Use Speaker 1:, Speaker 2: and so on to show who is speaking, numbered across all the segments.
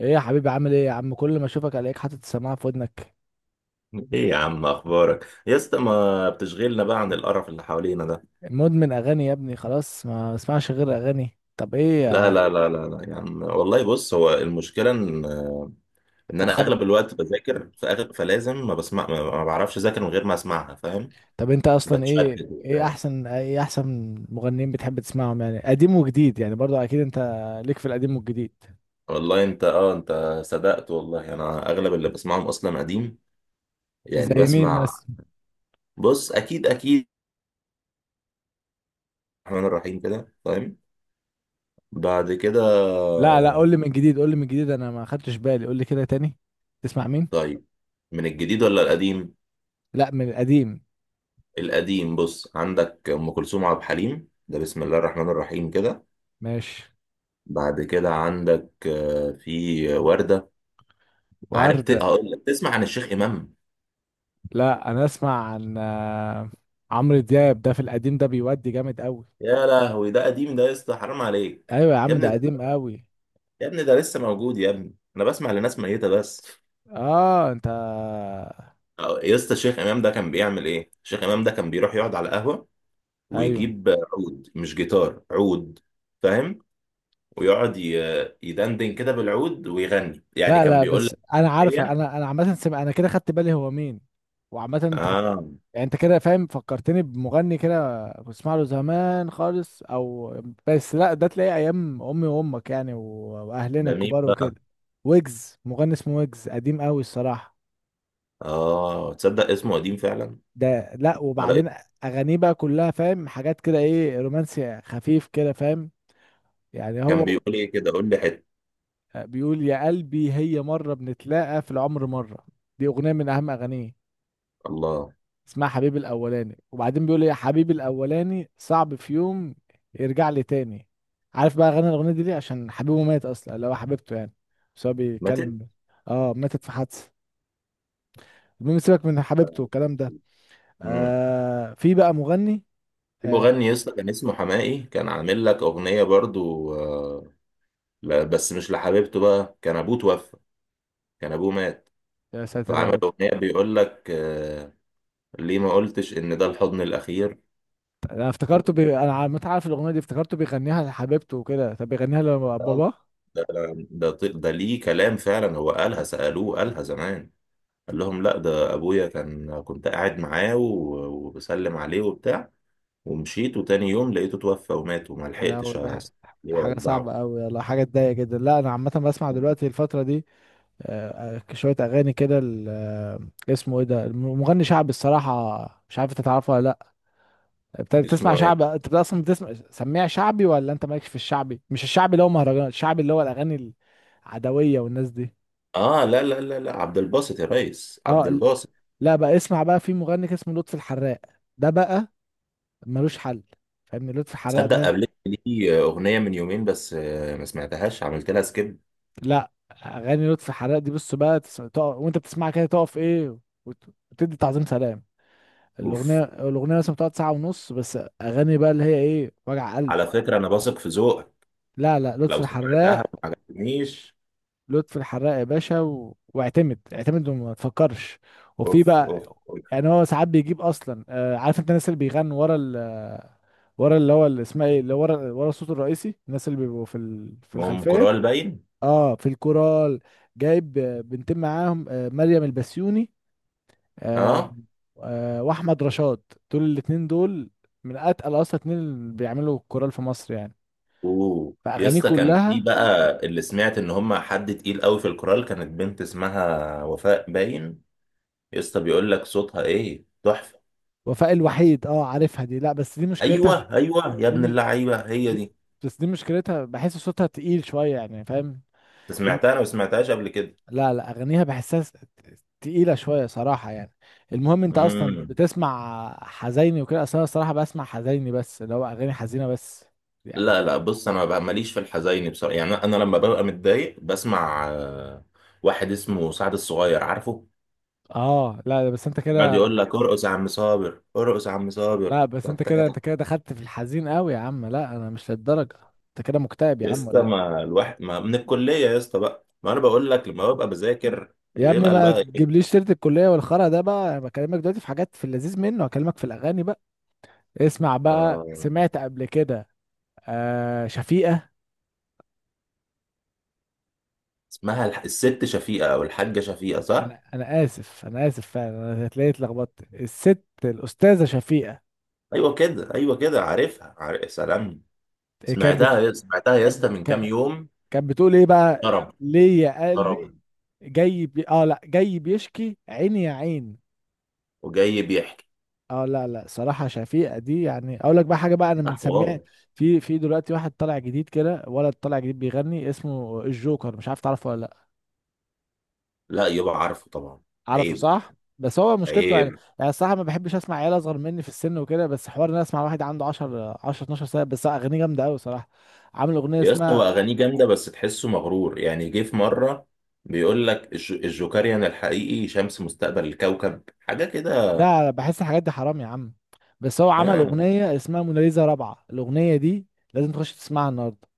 Speaker 1: ايه يا حبيبي، عامل ايه يا عم؟ كل ما اشوفك الاقيك حاطط السماعه في ودنك.
Speaker 2: ايه يا عم، اخبارك يا اسطى؟ ما بتشغلنا بقى عن القرف اللي حوالينا ده.
Speaker 1: مدمن اغاني يا ابني، خلاص ما بسمعش غير اغاني. طب ايه
Speaker 2: لا لا لا لا لا يا عم والله، بص، هو المشكله ان انا
Speaker 1: بتخرج؟
Speaker 2: اغلب الوقت بذاكر، فلازم ما بسمع، ما بعرفش اذاكر من غير ما اسمعها، فاهم؟
Speaker 1: طب انت اصلا
Speaker 2: بتشتت
Speaker 1: ايه ايه
Speaker 2: وبتاع.
Speaker 1: احسن ايه احسن مغنيين بتحب تسمعهم؟ يعني قديم وجديد، يعني برضو اكيد انت ليك في القديم والجديد.
Speaker 2: والله انت صدقت، والله انا اغلب اللي بسمعهم اصلا قديم، يعني
Speaker 1: زي مين
Speaker 2: بسمع.
Speaker 1: مثلا؟
Speaker 2: بص اكيد اكيد الرحمن الرحيم كده، فاهم؟ بعد كده.
Speaker 1: لا لا، قول لي من جديد، انا ما خدتش بالي، قول لي كده تاني. تسمع مين؟
Speaker 2: طيب، من الجديد ولا القديم؟
Speaker 1: لا من القديم.
Speaker 2: القديم. بص، عندك ام كلثوم، عبد الحليم، ده بسم الله الرحمن الرحيم كده.
Speaker 1: ماشي.
Speaker 2: بعد كده عندك في ورده. عارف،
Speaker 1: وردة.
Speaker 2: هقول لك تسمع عن الشيخ امام.
Speaker 1: لا انا اسمع عن عمرو دياب، ده في القديم ده بيودي جامد قوي.
Speaker 2: يا لهوي، ده قديم ده يا اسطى، حرام عليك.
Speaker 1: ايوه يا
Speaker 2: يا
Speaker 1: عم،
Speaker 2: ابني
Speaker 1: ده قديم
Speaker 2: ده
Speaker 1: قوي.
Speaker 2: يا ابني ده لسه موجود يا ابني، انا بسمع لناس ميته بس.
Speaker 1: اه انت.
Speaker 2: يا اسطى، الشيخ امام ده كان بيعمل ايه؟ الشيخ امام ده كان بيروح يقعد على قهوه
Speaker 1: ايوه.
Speaker 2: ويجيب عود، مش جيتار، عود، فاهم؟ ويقعد يدندن كده بالعود ويغني، يعني
Speaker 1: لا
Speaker 2: كان
Speaker 1: لا،
Speaker 2: بيقول
Speaker 1: بس
Speaker 2: لك.
Speaker 1: انا
Speaker 2: هي.
Speaker 1: عارفه، انا عامه سمع انا كده خدت بالي هو مين. وعامه انت
Speaker 2: اه.
Speaker 1: يعني انت كده فاهم. فكرتني بمغني كده بسمع له زمان خالص، او بس لا ده تلاقيه ايام امي وامك يعني واهلنا
Speaker 2: ده مين
Speaker 1: الكبار
Speaker 2: بقى؟
Speaker 1: وكده. ويجز، مغني اسمه ويجز، قديم قوي الصراحه.
Speaker 2: اه، تصدق اسمه قديم فعلا.
Speaker 1: ده لا،
Speaker 2: على اسم.
Speaker 1: وبعدين اغانيه بقى كلها، فاهم، حاجات كده ايه، رومانسي خفيف كده، فاهم يعني.
Speaker 2: كان
Speaker 1: هو
Speaker 2: بيقول ايه كده؟ قول لي حته.
Speaker 1: بيقول يا قلبي هي مرة بنتلاقى في العمر مرة. دي أغنية من أهم أغانيه،
Speaker 2: الله.
Speaker 1: اسمها حبيبي الأولاني، وبعدين بيقول يا حبيبي الأولاني صعب في يوم يرجع لي تاني. عارف بقى غنى الأغنية دي ليه؟ عشان حبيبه مات أصلا، اللي هو حبيبته يعني، بس هو
Speaker 2: ماتت.
Speaker 1: بيتكلم. اه، ماتت في حادثة. المهم سيبك من حبيبته والكلام ده.
Speaker 2: امم
Speaker 1: في بقى مغني،
Speaker 2: في
Speaker 1: آه
Speaker 2: مغني يسطا كان اسمه حماقي، كان عامل لك اغنيه برضو آه. لا، بس مش لحبيبته بقى، كان ابوه توفى، كان ابوه مات.
Speaker 1: يا ساتر يا
Speaker 2: فعمل
Speaker 1: رب.
Speaker 2: اغنيه بيقول لك آه، ليه ما قلتش ان ده الحضن الاخير.
Speaker 1: انا افتكرته
Speaker 2: و-
Speaker 1: متعرف الاغنيه دي؟ افتكرته بيغنيها لحبيبته وكده، طب بيغنيها لباباه؟
Speaker 2: ده ده ده ليه كلام فعلا، هو قالها، سالوه قالها زمان. قال لهم لا، ده ابويا، كان كنت قاعد معاه وبسلم عليه وبتاع، ومشيت، وتاني يوم لقيته توفى ومات، وما
Speaker 1: يا لهوي،
Speaker 2: لحقتش
Speaker 1: دي
Speaker 2: ليه
Speaker 1: حاجة صعبة
Speaker 2: اودعه.
Speaker 1: أوي، يلا حاجة تضايق جدا. لا أنا عامة بسمع دلوقتي الفترة دي شوية أغاني كده اسمه إيه ده، مغني شعبي الصراحة، مش عارف أنت تعرفه ولا لأ. أنت بتسمع
Speaker 2: اسمه ايه؟
Speaker 1: شعب؟ أنت أصلا بتسمع سميع شعبي ولا أنت مالكش في الشعبي؟ مش الشعبي اللي هو مهرجانات، الشعبي اللي هو الأغاني، العدوية والناس دي.
Speaker 2: اه، لا لا لا لا، عبد الباسط يا ريس، عبد
Speaker 1: أه
Speaker 2: الباسط.
Speaker 1: لا بقى، اسمع بقى، في مغني كده اسمه لطفي الحراق، ده بقى ملوش حل، فاهمني؟ لطفي الحراق
Speaker 2: تصدق
Speaker 1: ده،
Speaker 2: قابلت ليه اغنيه من يومين بس، ما سمعتهاش، عملت لها سكيب.
Speaker 1: لا اغاني لطفي حلاق دي بص بقى، وانت بتسمعها كده تقف ايه، وت... وتدي تعظيم سلام.
Speaker 2: اوف.
Speaker 1: الاغنيه مثلا بتقعد ساعه ونص. بس اغاني بقى اللي هي ايه، وجع قلب.
Speaker 2: على فكره انا واثق في ذوقك،
Speaker 1: لا لا، لطفي
Speaker 2: لو سمعتها
Speaker 1: الحراق،
Speaker 2: ما عجبتنيش.
Speaker 1: لطفي الحراق يا باشا، واعتمد، اعتمد وما تفكرش. وفي
Speaker 2: اوف
Speaker 1: بقى،
Speaker 2: اوف اوف.
Speaker 1: يعني هو ساعات بيجيب اصلا، عارف انت الناس اللي بيغنوا ورا ورا اللي هو اللي اسمها ايه، اللي ورا الصوت الرئيسي، الناس اللي بيبقوا في الخلفيه.
Speaker 2: كورال باين.
Speaker 1: اه في الكورال. جايب بنتين معاهم، مريم البسيوني آه،
Speaker 2: اه.
Speaker 1: واحمد رشاد. دول الاتنين دول من اتقل اصلا اتنين اللي بيعملوا كورال في مصر يعني.
Speaker 2: اوه يا
Speaker 1: فاغانيه
Speaker 2: اسطى، كان في
Speaker 1: كلها،
Speaker 2: بقى اللي سمعت ان هم حد تقيل قوي في الكورال كانت بنت اسمها وفاء باين، يا اسطى بيقول لك صوتها ايه تحفه.
Speaker 1: وفاء الوحيد، اه عارفها دي. لا بس دي مشكلتها
Speaker 2: ايوه ايوه، يا
Speaker 1: دي
Speaker 2: ابن
Speaker 1: مش
Speaker 2: اللعيبه، هي
Speaker 1: دي
Speaker 2: دي.
Speaker 1: بس دي مشكلتها بحس صوتها تقيل شويه، يعني فاهم.
Speaker 2: انت
Speaker 1: الم-
Speaker 2: سمعتها؟ انا ما سمعتهاش قبل كده.
Speaker 1: لا لا، اغانيها بحسها تقيله شويه صراحه يعني. المهم، انت اصلا
Speaker 2: امم
Speaker 1: بتسمع حزيني وكده اصلا؟ أنا الصراحه بسمع حزيني، بس اللي هو اغاني حزينه بس يعني.
Speaker 2: لا لا، بص، انا بقى ماليش في الحزيني بصراحه، يعني انا لما ببقى متضايق بسمع واحد اسمه سعد الصغير عارفه،
Speaker 1: اه لا بس انت
Speaker 2: يقعد
Speaker 1: كده
Speaker 2: يقول لك ارقص يا عم صابر، ارقص يا عم
Speaker 1: لا
Speaker 2: صابر،
Speaker 1: بس انت
Speaker 2: بتاع.
Speaker 1: كده انت كده دخلت في الحزين قوي يا عم، لا انا مش للدرجه، انت كده مكتئب يا
Speaker 2: يا
Speaker 1: عم
Speaker 2: اسطى،
Speaker 1: ولا ايه؟
Speaker 2: ما الواحد ما من الكليه يا اسطى بقى، ما انا بقول لك لما ببقى بذاكر
Speaker 1: يا ابني
Speaker 2: بيبقى
Speaker 1: ما
Speaker 2: بقى ايه؟
Speaker 1: تجيبليش سيره الكليه والخرا ده بقى، انا بكلمك دلوقتي في حاجات في اللذيذ منه، هكلمك في الاغاني بقى. اسمع بقى،
Speaker 2: آه،
Speaker 1: سمعت قبل كده شفيقه؟
Speaker 2: اسمها الست شفيقه او الحاجه شفيقه صح.
Speaker 1: انا اسف فعلا، انا هتلاقي اتلخبطت، الست الاستاذه شفيقه،
Speaker 2: ايوه كده، ايوه كده، عارفها، عارف، سلام.
Speaker 1: آه، كانت بت...
Speaker 2: سمعتها يا
Speaker 1: كانت
Speaker 2: اسطى
Speaker 1: ب-
Speaker 2: من كام
Speaker 1: كا-
Speaker 2: يوم.
Speaker 1: كانت بتقول ايه بقى،
Speaker 2: طرب.
Speaker 1: ليه يا قلبي،
Speaker 2: طرب.
Speaker 1: اه لا، جاي بيشكي عيني يا عين.
Speaker 2: وجاي بيحكي.
Speaker 1: اه لا لا، صراحة شفيقة دي يعني اقول لك بقى حاجة بقى، انا
Speaker 2: ده
Speaker 1: بنسميها.
Speaker 2: حوار.
Speaker 1: في دلوقتي واحد طالع جديد كده، ولد طالع جديد بيغني اسمه الجوكر، مش عارف تعرفه ولا لا.
Speaker 2: لا، يبقى عارفه طبعا.
Speaker 1: عارفه
Speaker 2: عيب.
Speaker 1: صح؟ بس هو مشكلته يعني
Speaker 2: عيب.
Speaker 1: يعني الصراحة ما بحبش اسمع عيال اصغر مني في السن وكده، بس حوار ان انا اسمع واحد عنده 10 12 سنة بس اغانيه جامدة قوي صراحة. عامل اغنية
Speaker 2: يا اسطى، هو
Speaker 1: اسمها،
Speaker 2: اغانيه جامده، بس تحسه مغرور، يعني جه في مره بيقول لك الجوكريان الحقيقي شمس مستقبل الكوكب، حاجه كده.
Speaker 1: لا بحس الحاجات دي حرام يا عم. بس هو عمل
Speaker 2: ها.
Speaker 1: اغنية اسمها موناليزا رابعة، الاغنية دي لازم تخش تسمعها النهاردة.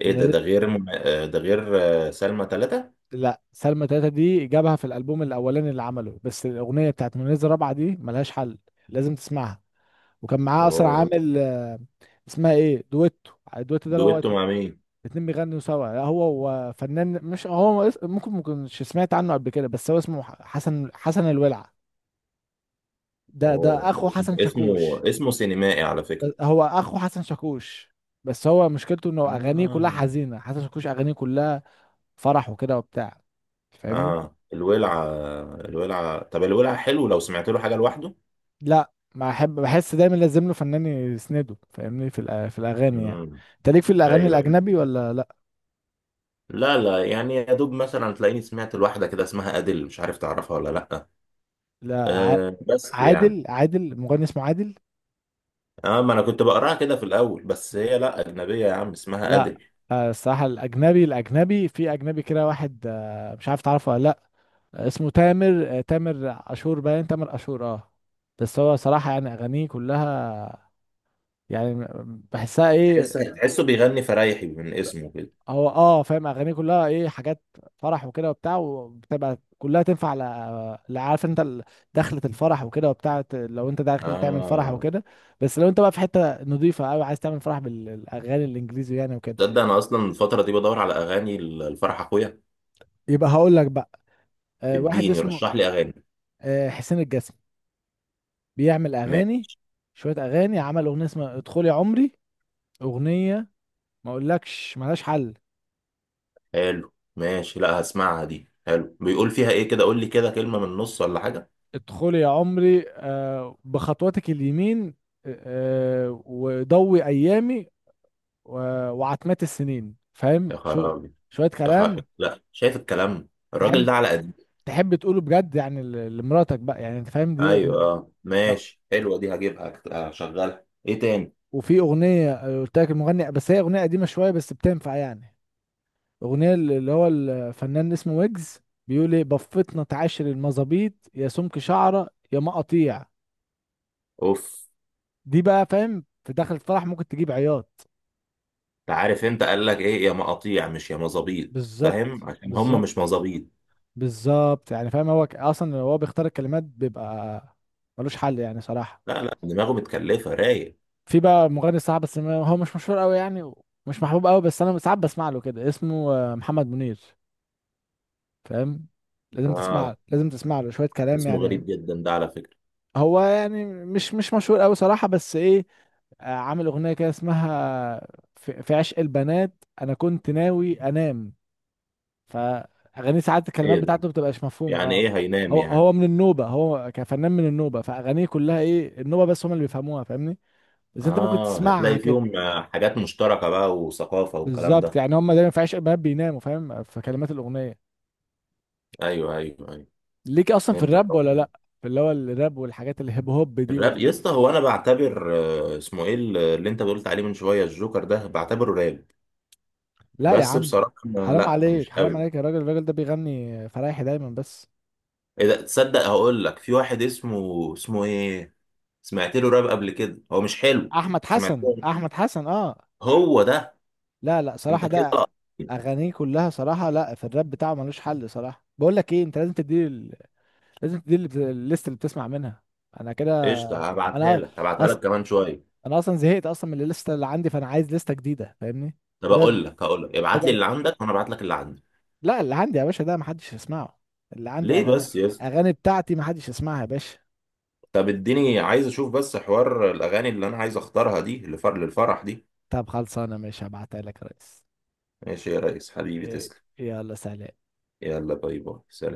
Speaker 2: ايه ده غير ده غير سلمى ثلاثة.
Speaker 1: لا سلمى تلاتة دي جابها في الألبوم الأولاني اللي عمله، بس الأغنية بتاعت منيزة رابعة دي ملهاش حل، لازم تسمعها. وكان معاه أصلا
Speaker 2: اوه.
Speaker 1: عامل اسمها إيه، دويتو، الدويتو ده اللي هو
Speaker 2: دويتو
Speaker 1: اتنين
Speaker 2: مع مين؟
Speaker 1: اتنين بيغنوا سوا. لا هو وفنان، مش هو، ممكن مكنش سمعت عنه قبل كده، بس هو اسمه حسن الولع. ده
Speaker 2: اوه.
Speaker 1: أخو حسن
Speaker 2: اسمه
Speaker 1: شاكوش.
Speaker 2: اسمه سينمائي على فكره.
Speaker 1: هو أخو حسن شاكوش، بس هو مشكلته إنه أغانيه كلها
Speaker 2: آه.
Speaker 1: حزينة، حسن شاكوش أغانيه كلها فرح وكده وبتاع، فاهمني؟
Speaker 2: اه الولعة. الولعة، طب الولعة حلو، لو سمعت له حاجة لوحده.
Speaker 1: لا ما احب، بحس دايما لازم له فنان يسنده، فاهمني؟ في الاغاني يعني.
Speaker 2: امم
Speaker 1: انت ليك في الاغاني
Speaker 2: ايوه.
Speaker 1: الاجنبي ولا لا؟
Speaker 2: لا لا، يعني يا دوب مثلا تلاقيني سمعت الواحدة كده اسمها أديل، مش عارف تعرفها ولا لا.
Speaker 1: لا
Speaker 2: أه، بس يعني.
Speaker 1: عادل مغني اسمه عادل؟
Speaker 2: اه، ما انا كنت بقراها كده في الاول، بس هي لا اجنبية يا عم، اسمها
Speaker 1: لا
Speaker 2: أديل.
Speaker 1: الصراحه الاجنبي في اجنبي كده واحد، مش عارف تعرفه ولا لا، اسمه تامر، تامر عاشور باين، تامر عاشور، اه. بس هو صراحه يعني اغانيه كلها يعني بحسها ايه،
Speaker 2: تحسه بيغني فرايحي من اسمه كده.
Speaker 1: هو اه فاهم اغانيه كلها ايه حاجات فرح وكده وبتاع، وبتبقى كلها تنفع عارف انت دخلة الفرح وكده وبتاع، لو انت داخل تعمل فرح
Speaker 2: اه،
Speaker 1: وكده. بس لو انت بقى في حتة نظيفة قوي عايز تعمل فرح بالاغاني الانجليزي يعني وكده،
Speaker 2: تصدق انا اصلا الفترة دي بدور على اغاني الفرح اخويا،
Speaker 1: يبقى هقول لك بقى، واحد
Speaker 2: اديني
Speaker 1: اسمه
Speaker 2: رشح لي اغاني.
Speaker 1: حسين الجسمي، بيعمل اغاني، شوية اغاني، عمل اغنية اسمها ادخل يا عمري، اغنية ما اقولكش ملهاش حل.
Speaker 2: حلو، ماشي، لا هسمعها دي. حلو، بيقول فيها ايه كده؟ قول لي كده كلمة من النص ولا حاجة.
Speaker 1: ادخل يا عمري بخطواتك اليمين، آه، وضوي ايامي وعتمات السنين،
Speaker 2: يا
Speaker 1: فاهم؟
Speaker 2: خرابي.
Speaker 1: شوية
Speaker 2: يا خرابي،
Speaker 1: كلام.
Speaker 2: لا، شايف الكلام الراجل
Speaker 1: تحب
Speaker 2: ده على قد.
Speaker 1: تحب تقوله بجد يعني لمراتك بقى يعني انت فاهم، دي
Speaker 2: ايوه،
Speaker 1: اغنية.
Speaker 2: اه،
Speaker 1: يا-
Speaker 2: ماشي، حلوة دي هجيبها. هشغلها ايه تاني؟
Speaker 1: وفي اغنية قلت لك المغني، بس هي اغنية قديمة شوية بس بتنفع يعني، اغنية اللي هو الفنان اسمه ويجز، بيقول ايه، بفتنا تعاشر المظابيط يا سمك شعرة يا مقاطيع.
Speaker 2: اوف.
Speaker 1: دي بقى فاهم في داخل الفرح ممكن تجيب عياط.
Speaker 2: انت عارف انت قال لك ايه؟ يا مقاطيع مش يا مظابيط، فاهم؟
Speaker 1: بالظبط،
Speaker 2: عشان هم
Speaker 1: بالظبط،
Speaker 2: مش مظابيط.
Speaker 1: بالظبط، يعني فاهم، هو اصلا هو بيختار الكلمات، بيبقى ملوش حل يعني صراحة.
Speaker 2: لا لا، دماغه متكلفة رايق.
Speaker 1: في بقى مغني صعب، بس هو مش مشهور قوي يعني، ومش محبوب قوي، بس انا ساعات بسمع له كده اسمه محمد منير، فاهم؟ لازم تسمع
Speaker 2: اه،
Speaker 1: لازم تسمع له شوية كلام
Speaker 2: اسمه
Speaker 1: يعني.
Speaker 2: غريب جدا ده على فكرة.
Speaker 1: هو يعني مش مشهور قوي صراحة، بس ايه، عامل اغنية كده اسمها في عشق البنات انا كنت ناوي انام. فاغانيه ساعات الكلمات
Speaker 2: ايه ده؟
Speaker 1: بتاعته بتبقاش مفهومة،
Speaker 2: يعني
Speaker 1: اه.
Speaker 2: ايه هينام
Speaker 1: هو
Speaker 2: يعني؟
Speaker 1: هو من النوبة، هو كفنان من النوبة فاغانيه كلها ايه النوبة، بس هم اللي بيفهموها، فاهمني؟ بس انت ممكن
Speaker 2: اه،
Speaker 1: تسمعها
Speaker 2: هتلاقي
Speaker 1: كده.
Speaker 2: فيهم حاجات مشتركة بقى وثقافة والكلام
Speaker 1: بالظبط،
Speaker 2: ده.
Speaker 1: يعني هم دايما في عشق البنات بيناموا، فاهم، في كلمات الاغنيه.
Speaker 2: ايوه ايوه ايوه.
Speaker 1: ليك اصلا في
Speaker 2: فهمتك.
Speaker 1: الراب ولا لا؟ في اللي هو الراب والحاجات الهيب هوب دي
Speaker 2: الراب يا اسطى، هو انا بعتبر اسمه ايه اللي انت قلت عليه من شويه، الجوكر ده، بعتبره راب،
Speaker 1: لا يا
Speaker 2: بس
Speaker 1: عم،
Speaker 2: بصراحه
Speaker 1: حرام
Speaker 2: لا،
Speaker 1: عليك،
Speaker 2: مش
Speaker 1: حرام
Speaker 2: قوي.
Speaker 1: عليك يا راجل، الراجل ده بيغني فرايحي دايما بس.
Speaker 2: اذا، تصدق هقول لك، في واحد اسمه ايه، سمعت له راب قبل كده، هو مش حلو.
Speaker 1: احمد
Speaker 2: سمعت
Speaker 1: حسن،
Speaker 2: له،
Speaker 1: احمد حسن، اه.
Speaker 2: هو ده.
Speaker 1: لا لا
Speaker 2: انت
Speaker 1: صراحه،
Speaker 2: كده.
Speaker 1: ده اغانيه كلها صراحه، لا في الراب بتاعه ملوش حل صراحه. بقول لك ايه، انت لازم تدي الليست اللي بتسمع منها. انا كده،
Speaker 2: قشطه، هبعتها
Speaker 1: انا
Speaker 2: لك هبعتها
Speaker 1: أص...
Speaker 2: لك كمان شويه.
Speaker 1: انا اصلا زهقت اصلا من الليسته اللي عندي، فانا عايز ليسته جديده، فاهمني؟
Speaker 2: طب
Speaker 1: بدل
Speaker 2: اقول لك هقول لك ابعت لي
Speaker 1: بدل
Speaker 2: اللي عندك وانا ابعت لك اللي عندي.
Speaker 1: لا اللي عندي يا باشا ده محدش يسمعه، اللي عندي
Speaker 2: ليه
Speaker 1: اغاني
Speaker 2: بس يا اسطى؟
Speaker 1: اغاني بتاعتي محدش يسمعها يا باشا.
Speaker 2: طب اديني، عايز اشوف بس حوار الاغاني اللي انا عايز اختارها دي للفرح دي.
Speaker 1: طب خلصانه، ماشي هبعتها لك يا ريس.
Speaker 2: ماشي يا ريس، حبيبي
Speaker 1: إيه،
Speaker 2: تسلم.
Speaker 1: يلا سلام.
Speaker 2: يلا، باي باي، سلام.